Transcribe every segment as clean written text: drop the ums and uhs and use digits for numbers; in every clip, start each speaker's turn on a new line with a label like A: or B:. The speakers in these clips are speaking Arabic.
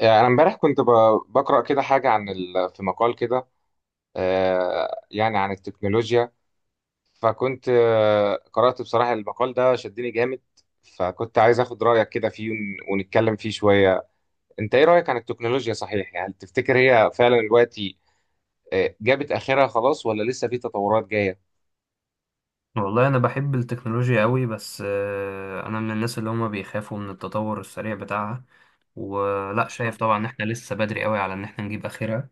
A: انا امبارح بقرا كده حاجه عن في مقال كده. يعني عن التكنولوجيا. فكنت قرات بصراحه المقال ده شدني جامد. فكنت عايز اخد رايك كده فيه ونتكلم فيه شويه. انت ايه رايك عن التكنولوجيا، صحيح يعني تفتكر هي فعلا دلوقتي جابت اخرها خلاص ولا لسه في تطورات جايه؟
B: والله انا بحب التكنولوجيا قوي بس انا من الناس اللي هما بيخافوا من التطور السريع بتاعها. ولا شايف طبعا ان احنا لسه بدري قوي على ان احنا نجيب اخرها،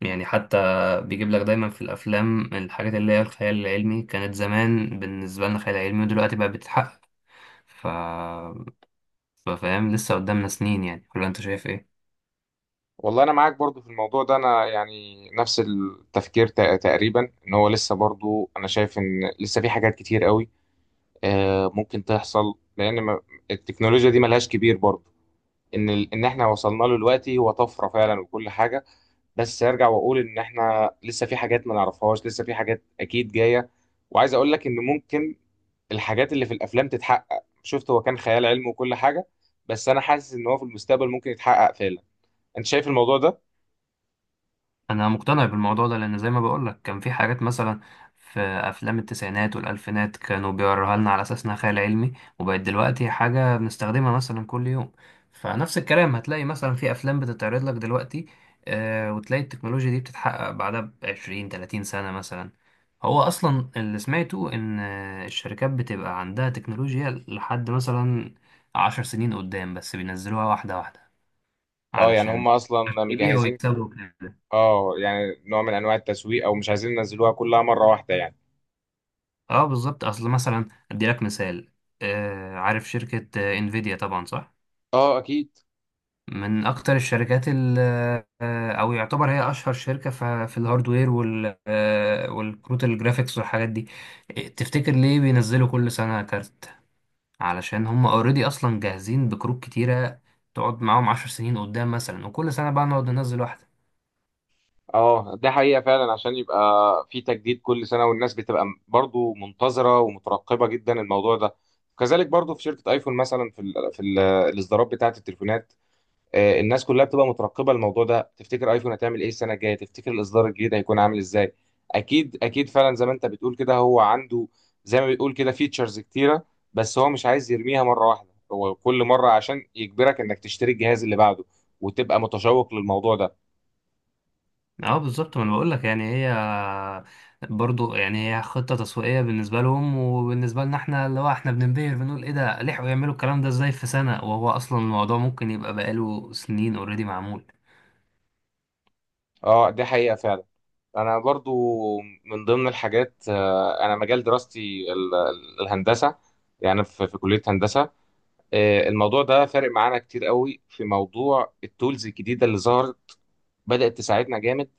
B: يعني حتى بيجيب لك دايما في الافلام الحاجات اللي هي الخيال العلمي كانت زمان بالنسبه لنا خيال علمي ودلوقتي بقى بتتحقق. ف فاهم؟ لسه قدامنا سنين يعني، ولا انت شايف ايه؟
A: والله انا معاك برضو في الموضوع ده، انا يعني نفس التفكير تقريبا ان هو لسه، برضو انا شايف ان لسه في حاجات كتير قوي ممكن تحصل، لان ما- التكنولوجيا دي ملهاش كبير برضه. ان ان احنا وصلنا له دلوقتي هو طفره فعلا وكل حاجه، بس ارجع واقول ان احنا لسه في حاجات ما نعرفهاش، لسه في حاجات اكيد جايه. وعايز اقول لك ان ممكن الحاجات اللي في الافلام تتحقق، شفت هو كان خيال علمي وكل حاجه، بس انا حاسس ان هو في المستقبل ممكن يتحقق فعلا. انت شايف الموضوع ده؟
B: انا مقتنع بالموضوع ده لان زي ما بقولك كان في حاجات مثلا في افلام التسعينات والالفينات كانوا بيوروها لنا على اساس انها خيال علمي، وبقت دلوقتي حاجه بنستخدمها مثلا كل يوم. فنفس الكلام هتلاقي مثلا في افلام بتتعرض لك دلوقتي وتلاقي التكنولوجيا دي بتتحقق بعدها ب 20 30 سنه مثلا. هو اصلا اللي سمعته ان الشركات بتبقى عندها تكنولوجيا لحد مثلا 10 سنين قدام، بس بينزلوها واحده واحده
A: اه يعني
B: علشان
A: هم اصلا
B: يبيعوا
A: مجهزين.
B: ويكسبوا.
A: اه يعني نوع من انواع التسويق، او مش عايزين ينزلوها كلها مره واحده يعني.
B: اه، بالظبط. اصل مثلا ادي لك مثال. عارف شركة انفيديا؟ طبعا صح.
A: اه اكيد.
B: من اكتر الشركات او يعتبر هي اشهر شركة في الهاردوير والكروت الجرافيكس والحاجات دي. تفتكر ليه بينزلوا كل سنة كارت؟ علشان هم اوريدي اصلا جاهزين بكروت كتيرة تقعد معاهم 10 سنين قدام مثلا، وكل سنة بقى نقعد ننزل واحدة.
A: اه ده حقيقة فعلا، عشان يبقى في تجديد كل سنة والناس بتبقى برضو منتظرة ومترقبة جدا الموضوع ده. كذلك برضو في شركة ايفون مثلا، في ال الاصدارات بتاعة التليفونات. الناس كلها بتبقى مترقبة الموضوع ده، تفتكر ايفون هتعمل ايه السنة الجاية، تفتكر الاصدار الجديد هيكون عامل ازاي؟ اكيد اكيد فعلا زي ما انت بتقول كده، هو عنده زي ما بتقول كده فيتشرز كتيرة، بس هو مش عايز يرميها مرة واحدة، هو كل مرة عشان يجبرك انك تشتري الجهاز اللي بعده وتبقى متشوق للموضوع ده.
B: اه، بالظبط. ما انا بقول لك، يعني هي برضو يعني هي خطه تسويقيه بالنسبه لهم، وبالنبسه لنا احنا اللي هو احنا بننبهر بنقول ايه ده، لحقوا يعملوا الكلام ده ازاي في سنه، وهو اصلا الموضوع ممكن يبقى بقاله سنين اوريدي معمول.
A: اه دي حقيقة فعلا. انا برضو من ضمن الحاجات، انا مجال دراستي الهندسه، يعني في في كليه هندسه. الموضوع ده فارق معانا كتير قوي في موضوع التولز الجديده اللي ظهرت، بدات تساعدنا جامد.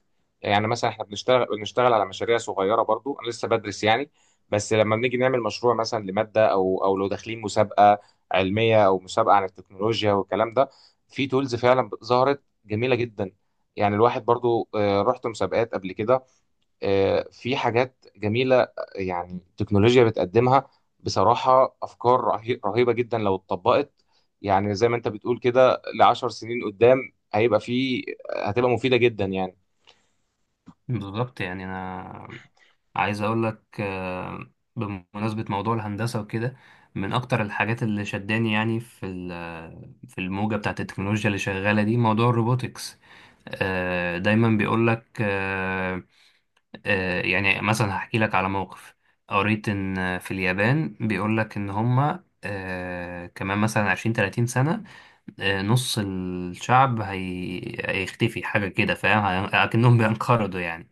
A: يعني مثلا احنا بنشتغل على مشاريع صغيره، برضو انا لسه بدرس يعني، بس لما بنيجي نعمل مشروع مثلا لماده او لو داخلين مسابقه علميه او مسابقه عن التكنولوجيا والكلام ده، في تولز فعلا ظهرت جميله جدا. يعني الواحد برضو، رحت مسابقات قبل كده، في حاجات جميلة يعني التكنولوجيا بتقدمها. بصراحة أفكار رهيبة جدا لو اتطبقت، يعني زي ما أنت بتقول كده لعشر سنين قدام هيبقى في، هتبقى مفيدة جدا يعني.
B: بالظبط. يعني انا عايز اقول لك، بمناسبة موضوع الهندسة وكده، من اكتر الحاجات اللي شداني يعني في الموجة بتاعت التكنولوجيا اللي شغالة دي موضوع الروبوتكس. دايما بيقول لك، يعني مثلا هحكي لك على موقف. قريت ان في اليابان بيقول لك ان هما كمان مثلا 20 30 سنة نص الشعب هيختفي. حاجة كده فاهم أكنهم بينقرضوا يعني.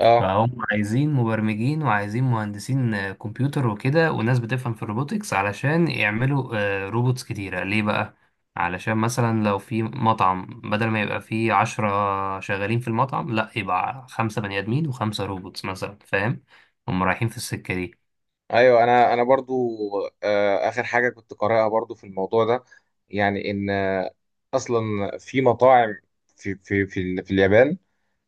A: اه
B: فهم عايزين مبرمجين وعايزين مهندسين كمبيوتر وكده، وناس بتفهم في الروبوتكس علشان يعملوا روبوتس كتيرة. ليه بقى؟ علشان مثلا لو في مطعم بدل ما يبقى فيه 10 شغالين في المطعم، لا يبقى خمسة بني آدمين وخمسة روبوتس مثلا، فاهم؟ هم رايحين في السكة دي
A: ايوه، انا برضو اخر حاجه كنت قارئها برضو في الموضوع ده، يعني ان اصلا في مطاعم في في اليابان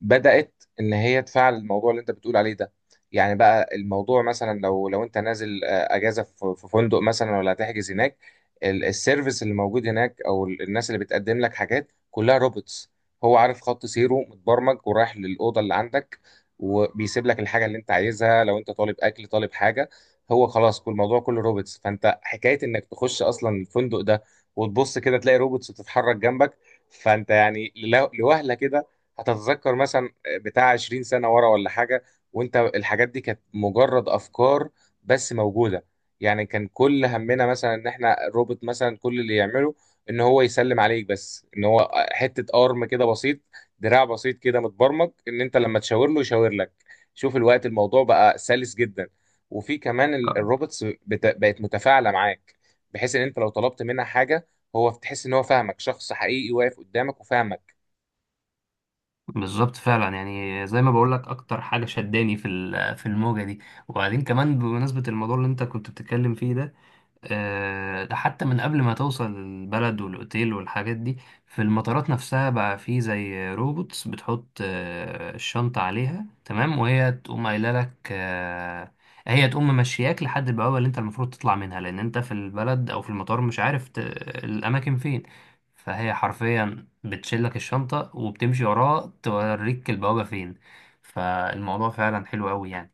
A: بدأت ان هي تفعل الموضوع اللي انت بتقول عليه ده. يعني بقى الموضوع مثلا لو انت نازل اجازه في في فندق مثلا ولا هتحجز هناك، السيرفيس اللي موجود هناك او الناس اللي بتقدم لك حاجات كلها روبوتس. هو عارف خط سيره متبرمج ورايح للاوضه اللي عندك، وبيسيب لك الحاجه اللي انت عايزها لو انت طالب اكل طالب حاجه. هو خلاص كل الموضوع كله روبوتس، فانت حكايه انك تخش اصلا الفندق ده وتبص كده تلاقي روبوتس بتتحرك جنبك، فانت يعني لوهله كده هتتذكر مثلا بتاع 20 سنه ورا ولا حاجه، وانت الحاجات دي كانت مجرد افكار بس موجوده. يعني كان كل همنا مثلا ان احنا الروبوت مثلا كل اللي يعمله ان هو يسلم عليك بس، ان هو حته ارم كده بسيط، دراع بسيط كده متبرمج ان انت لما تشاور له يشاور لك. شوف الوقت الموضوع بقى سلس جدا، وفي كمان
B: آه.
A: الروبوتس بقت متفاعله معاك، بحيث ان انت لو طلبت منها حاجه هو تحس ان هو فاهمك، شخص حقيقي واقف قدامك وفاهمك.
B: بالظبط فعلا، يعني زي ما بقول لك اكتر حاجه شداني في الموجه دي. وبعدين كمان بمناسبه الموضوع اللي انت كنت بتتكلم فيه ده، ده حتى من قبل ما توصل البلد والأوتيل والحاجات دي، في المطارات نفسها بقى في زي روبوتس بتحط الشنطة عليها تمام، وهي تقوم قايلة لك هي تقوم ممشياك لحد البوابة اللي انت المفروض تطلع منها، لأن انت في البلد أو في المطار مش عارف الأماكن فين. فهي حرفيا بتشيلك الشنطة وبتمشي وراها توريك البوابة فين. فالموضوع فعلا حلو أوي يعني.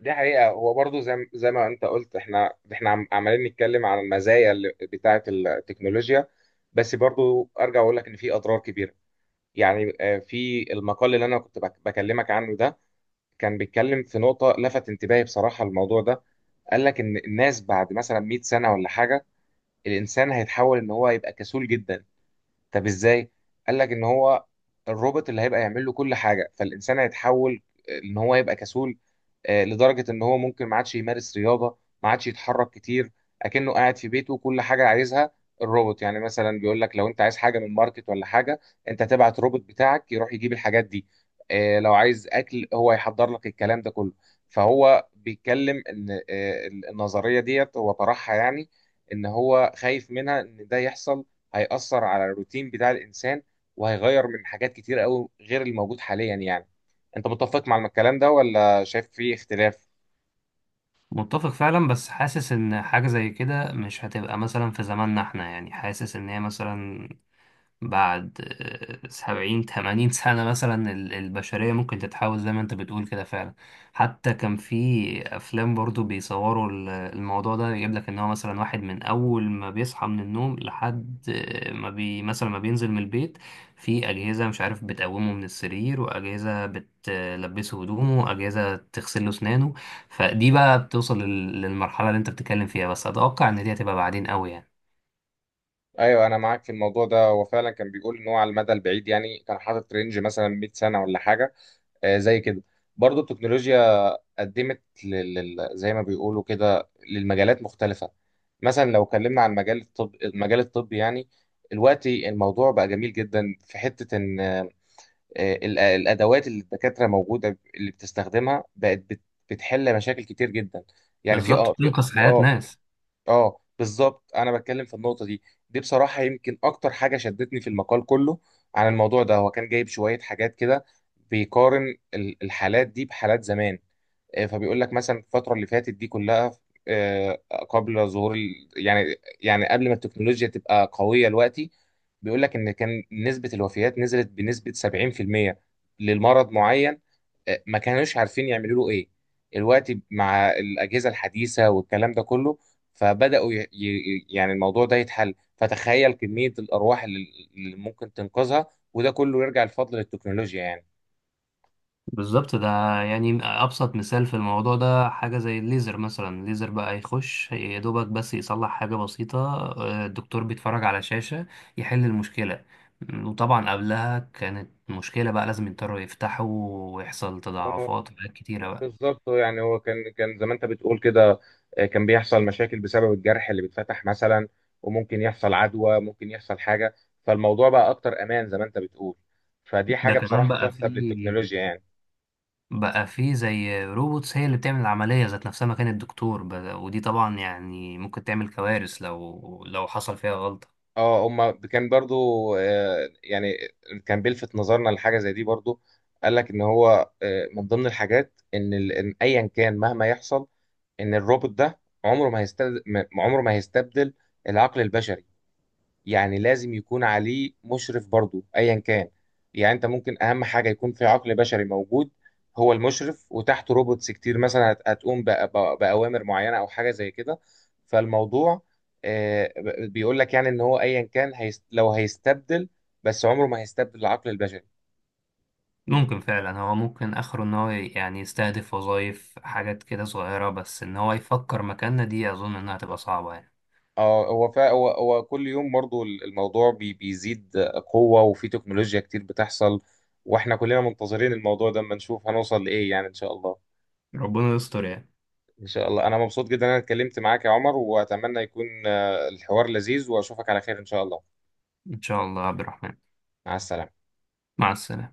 A: دي حقيقة، هو برضو زي ما انت قلت، احنا عمالين نتكلم عن المزايا اللي بتاعة التكنولوجيا، بس برضو ارجع اقول لك ان في اضرار كبيرة. يعني في المقال اللي انا كنت بكلمك عنه ده كان بيتكلم في نقطة لفت انتباهي بصراحة الموضوع ده. قال لك ان الناس بعد مثلا 100 سنة ولا حاجة الانسان هيتحول ان هو يبقى كسول جدا. طب ازاي؟ قال لك ان هو الروبوت اللي هيبقى يعمل له كل حاجه، فالانسان هيتحول ان هو يبقى كسول. لدرجة إن هو ممكن ما عادش يمارس رياضة، ما عادش يتحرك كتير، أكنه قاعد في بيته كل حاجة عايزها الروبوت. يعني مثلا بيقول لك لو أنت عايز حاجة من ماركت ولا حاجة، أنت تبعت روبوت بتاعك يروح يجيب الحاجات دي. لو عايز أكل هو يحضر لك الكلام ده كله. فهو بيتكلم إن النظرية ديت هو طرحها يعني، إن هو خايف منها إن ده يحصل، هيأثر على الروتين بتاع الإنسان وهيغير من حاجات كتير قوي غير الموجود حاليا يعني. أنت متفق مع الكلام ده ولا شايف في اختلاف؟
B: متفق فعلا، بس حاسس ان حاجة زي كده مش هتبقى مثلا في زماننا احنا، يعني حاسس ان هي مثلا بعد 70 80 سنة مثلا البشرية ممكن تتحول زي ما انت بتقول كده فعلا. حتى كان في أفلام برضو بيصوروا الموضوع ده، يجيب لك إن هو مثلا واحد من أول ما بيصحى من النوم لحد ما بي مثلا ما بينزل من البيت في أجهزة مش عارف بتقومه من السرير، وأجهزة بتلبسه هدومه، وأجهزة تغسل له أسنانه. فدي بقى بتوصل للمرحلة اللي انت بتتكلم فيها، بس أتوقع إن دي هتبقى بعدين قوي يعني.
A: ايوه انا معاك في الموضوع ده، هو فعلا كان بيقول ان هو على المدى البعيد، يعني كان حاطط رينج مثلا 100 سنه ولا حاجه زي كده. برضو التكنولوجيا قدمت زي ما بيقولوا كده للمجالات مختلفه، مثلا لو اتكلمنا عن مجال الطب المجال الطبي يعني. دلوقتي الموضوع بقى جميل جدا في حته ان الادوات اللي الدكاتره موجوده اللي بتستخدمها بقت بتحل مشاكل كتير جدا. يعني في
B: بالظبط،
A: اه في
B: بتنقذ
A: في-
B: حياة
A: اه
B: ناس.
A: اه بالظبط، انا بتكلم في النقطه دي، دي بصراحه يمكن اكتر حاجه شدتني في المقال كله. عن الموضوع ده هو كان جايب شويه حاجات كده بيقارن الحالات دي بحالات زمان. فبيقول لك مثلا الفتره اللي فاتت دي كلها، آه، قبل ظهور يعني قبل ما التكنولوجيا تبقى قويه دلوقتي، بيقول لك ان كان نسبه الوفيات نزلت بنسبه 70% للمرض معين ما كانوش عارفين يعملوا له ايه الوقت، مع الاجهزه الحديثه والكلام ده كله فبداوا يعني الموضوع ده يتحل، فتخيل كميه الارواح اللي ممكن تنقذها، وده كله يرجع الفضل للتكنولوجيا يعني.
B: بالظبط. ده يعني أبسط مثال في الموضوع ده حاجة زي الليزر. مثلا الليزر بقى يخش يا دوبك بس يصلح حاجة بسيطة. الدكتور بيتفرج على شاشة يحل المشكلة. وطبعا قبلها كانت مشكلة بقى لازم يضطروا يفتحوا، ويحصل
A: اه
B: تضاعفات وحاجات كتيرة بقى.
A: بالظبط، يعني هو كان زي ما انت بتقول كده كان بيحصل مشاكل بسبب الجرح اللي بيتفتح مثلا، وممكن يحصل عدوى، ممكن يحصل حاجه. فالموضوع بقى اكتر امان زي ما انت بتقول، فدي
B: ده
A: حاجه
B: كمان
A: بصراحه
B: بقى
A: تحسب للتكنولوجيا
B: في.
A: يعني.
B: بقى في زي روبوتس هي اللي بتعمل العملية ذات نفسها مكان الدكتور بقى. ودي طبعا يعني ممكن تعمل كوارث لو حصل فيها غلطة.
A: اه هما كان برضو يعني كان بيلفت نظرنا لحاجه زي دي برضو. قال لك ان هو من ضمن الحاجات ان إن ايا كان مهما يحصل، ان الروبوت ده عمره ما هيستبدل، عمره ما هيستبدل العقل البشري. يعني لازم يكون عليه مشرف برضو ايا كان، يعني انت ممكن اهم حاجه يكون في عقل بشري موجود هو المشرف، وتحته روبوتس كتير مثلا هتقوم باوامر معينه او حاجه زي كده. فالموضوع بيقول لك يعني ان هو ايا كان هيستبدل، بس عمره ما هيستبدل العقل البشري.
B: ممكن فعلا، هو ممكن اخره ان هو يعني يستهدف وظائف حاجات كده صغيرة، بس ان هو يفكر مكاننا دي اظن انها تبقى صعبة يعني.
A: اه هو فا هو هو كل يوم برضو الموضوع بيزيد قوه، وفي تكنولوجيا كتير بتحصل، واحنا كلنا منتظرين الموضوع ده اما نشوف هنوصل لايه يعني، ان شاء الله.
B: ربنا يستر يعني.
A: ان شاء الله، انا مبسوط جدا ان انا اتكلمت معاك يا عمر، واتمنى يكون الحوار لذيذ، واشوفك على خير ان شاء الله.
B: ان شاء الله يا عبد الرحمن.
A: مع السلامة.
B: مع السلامة.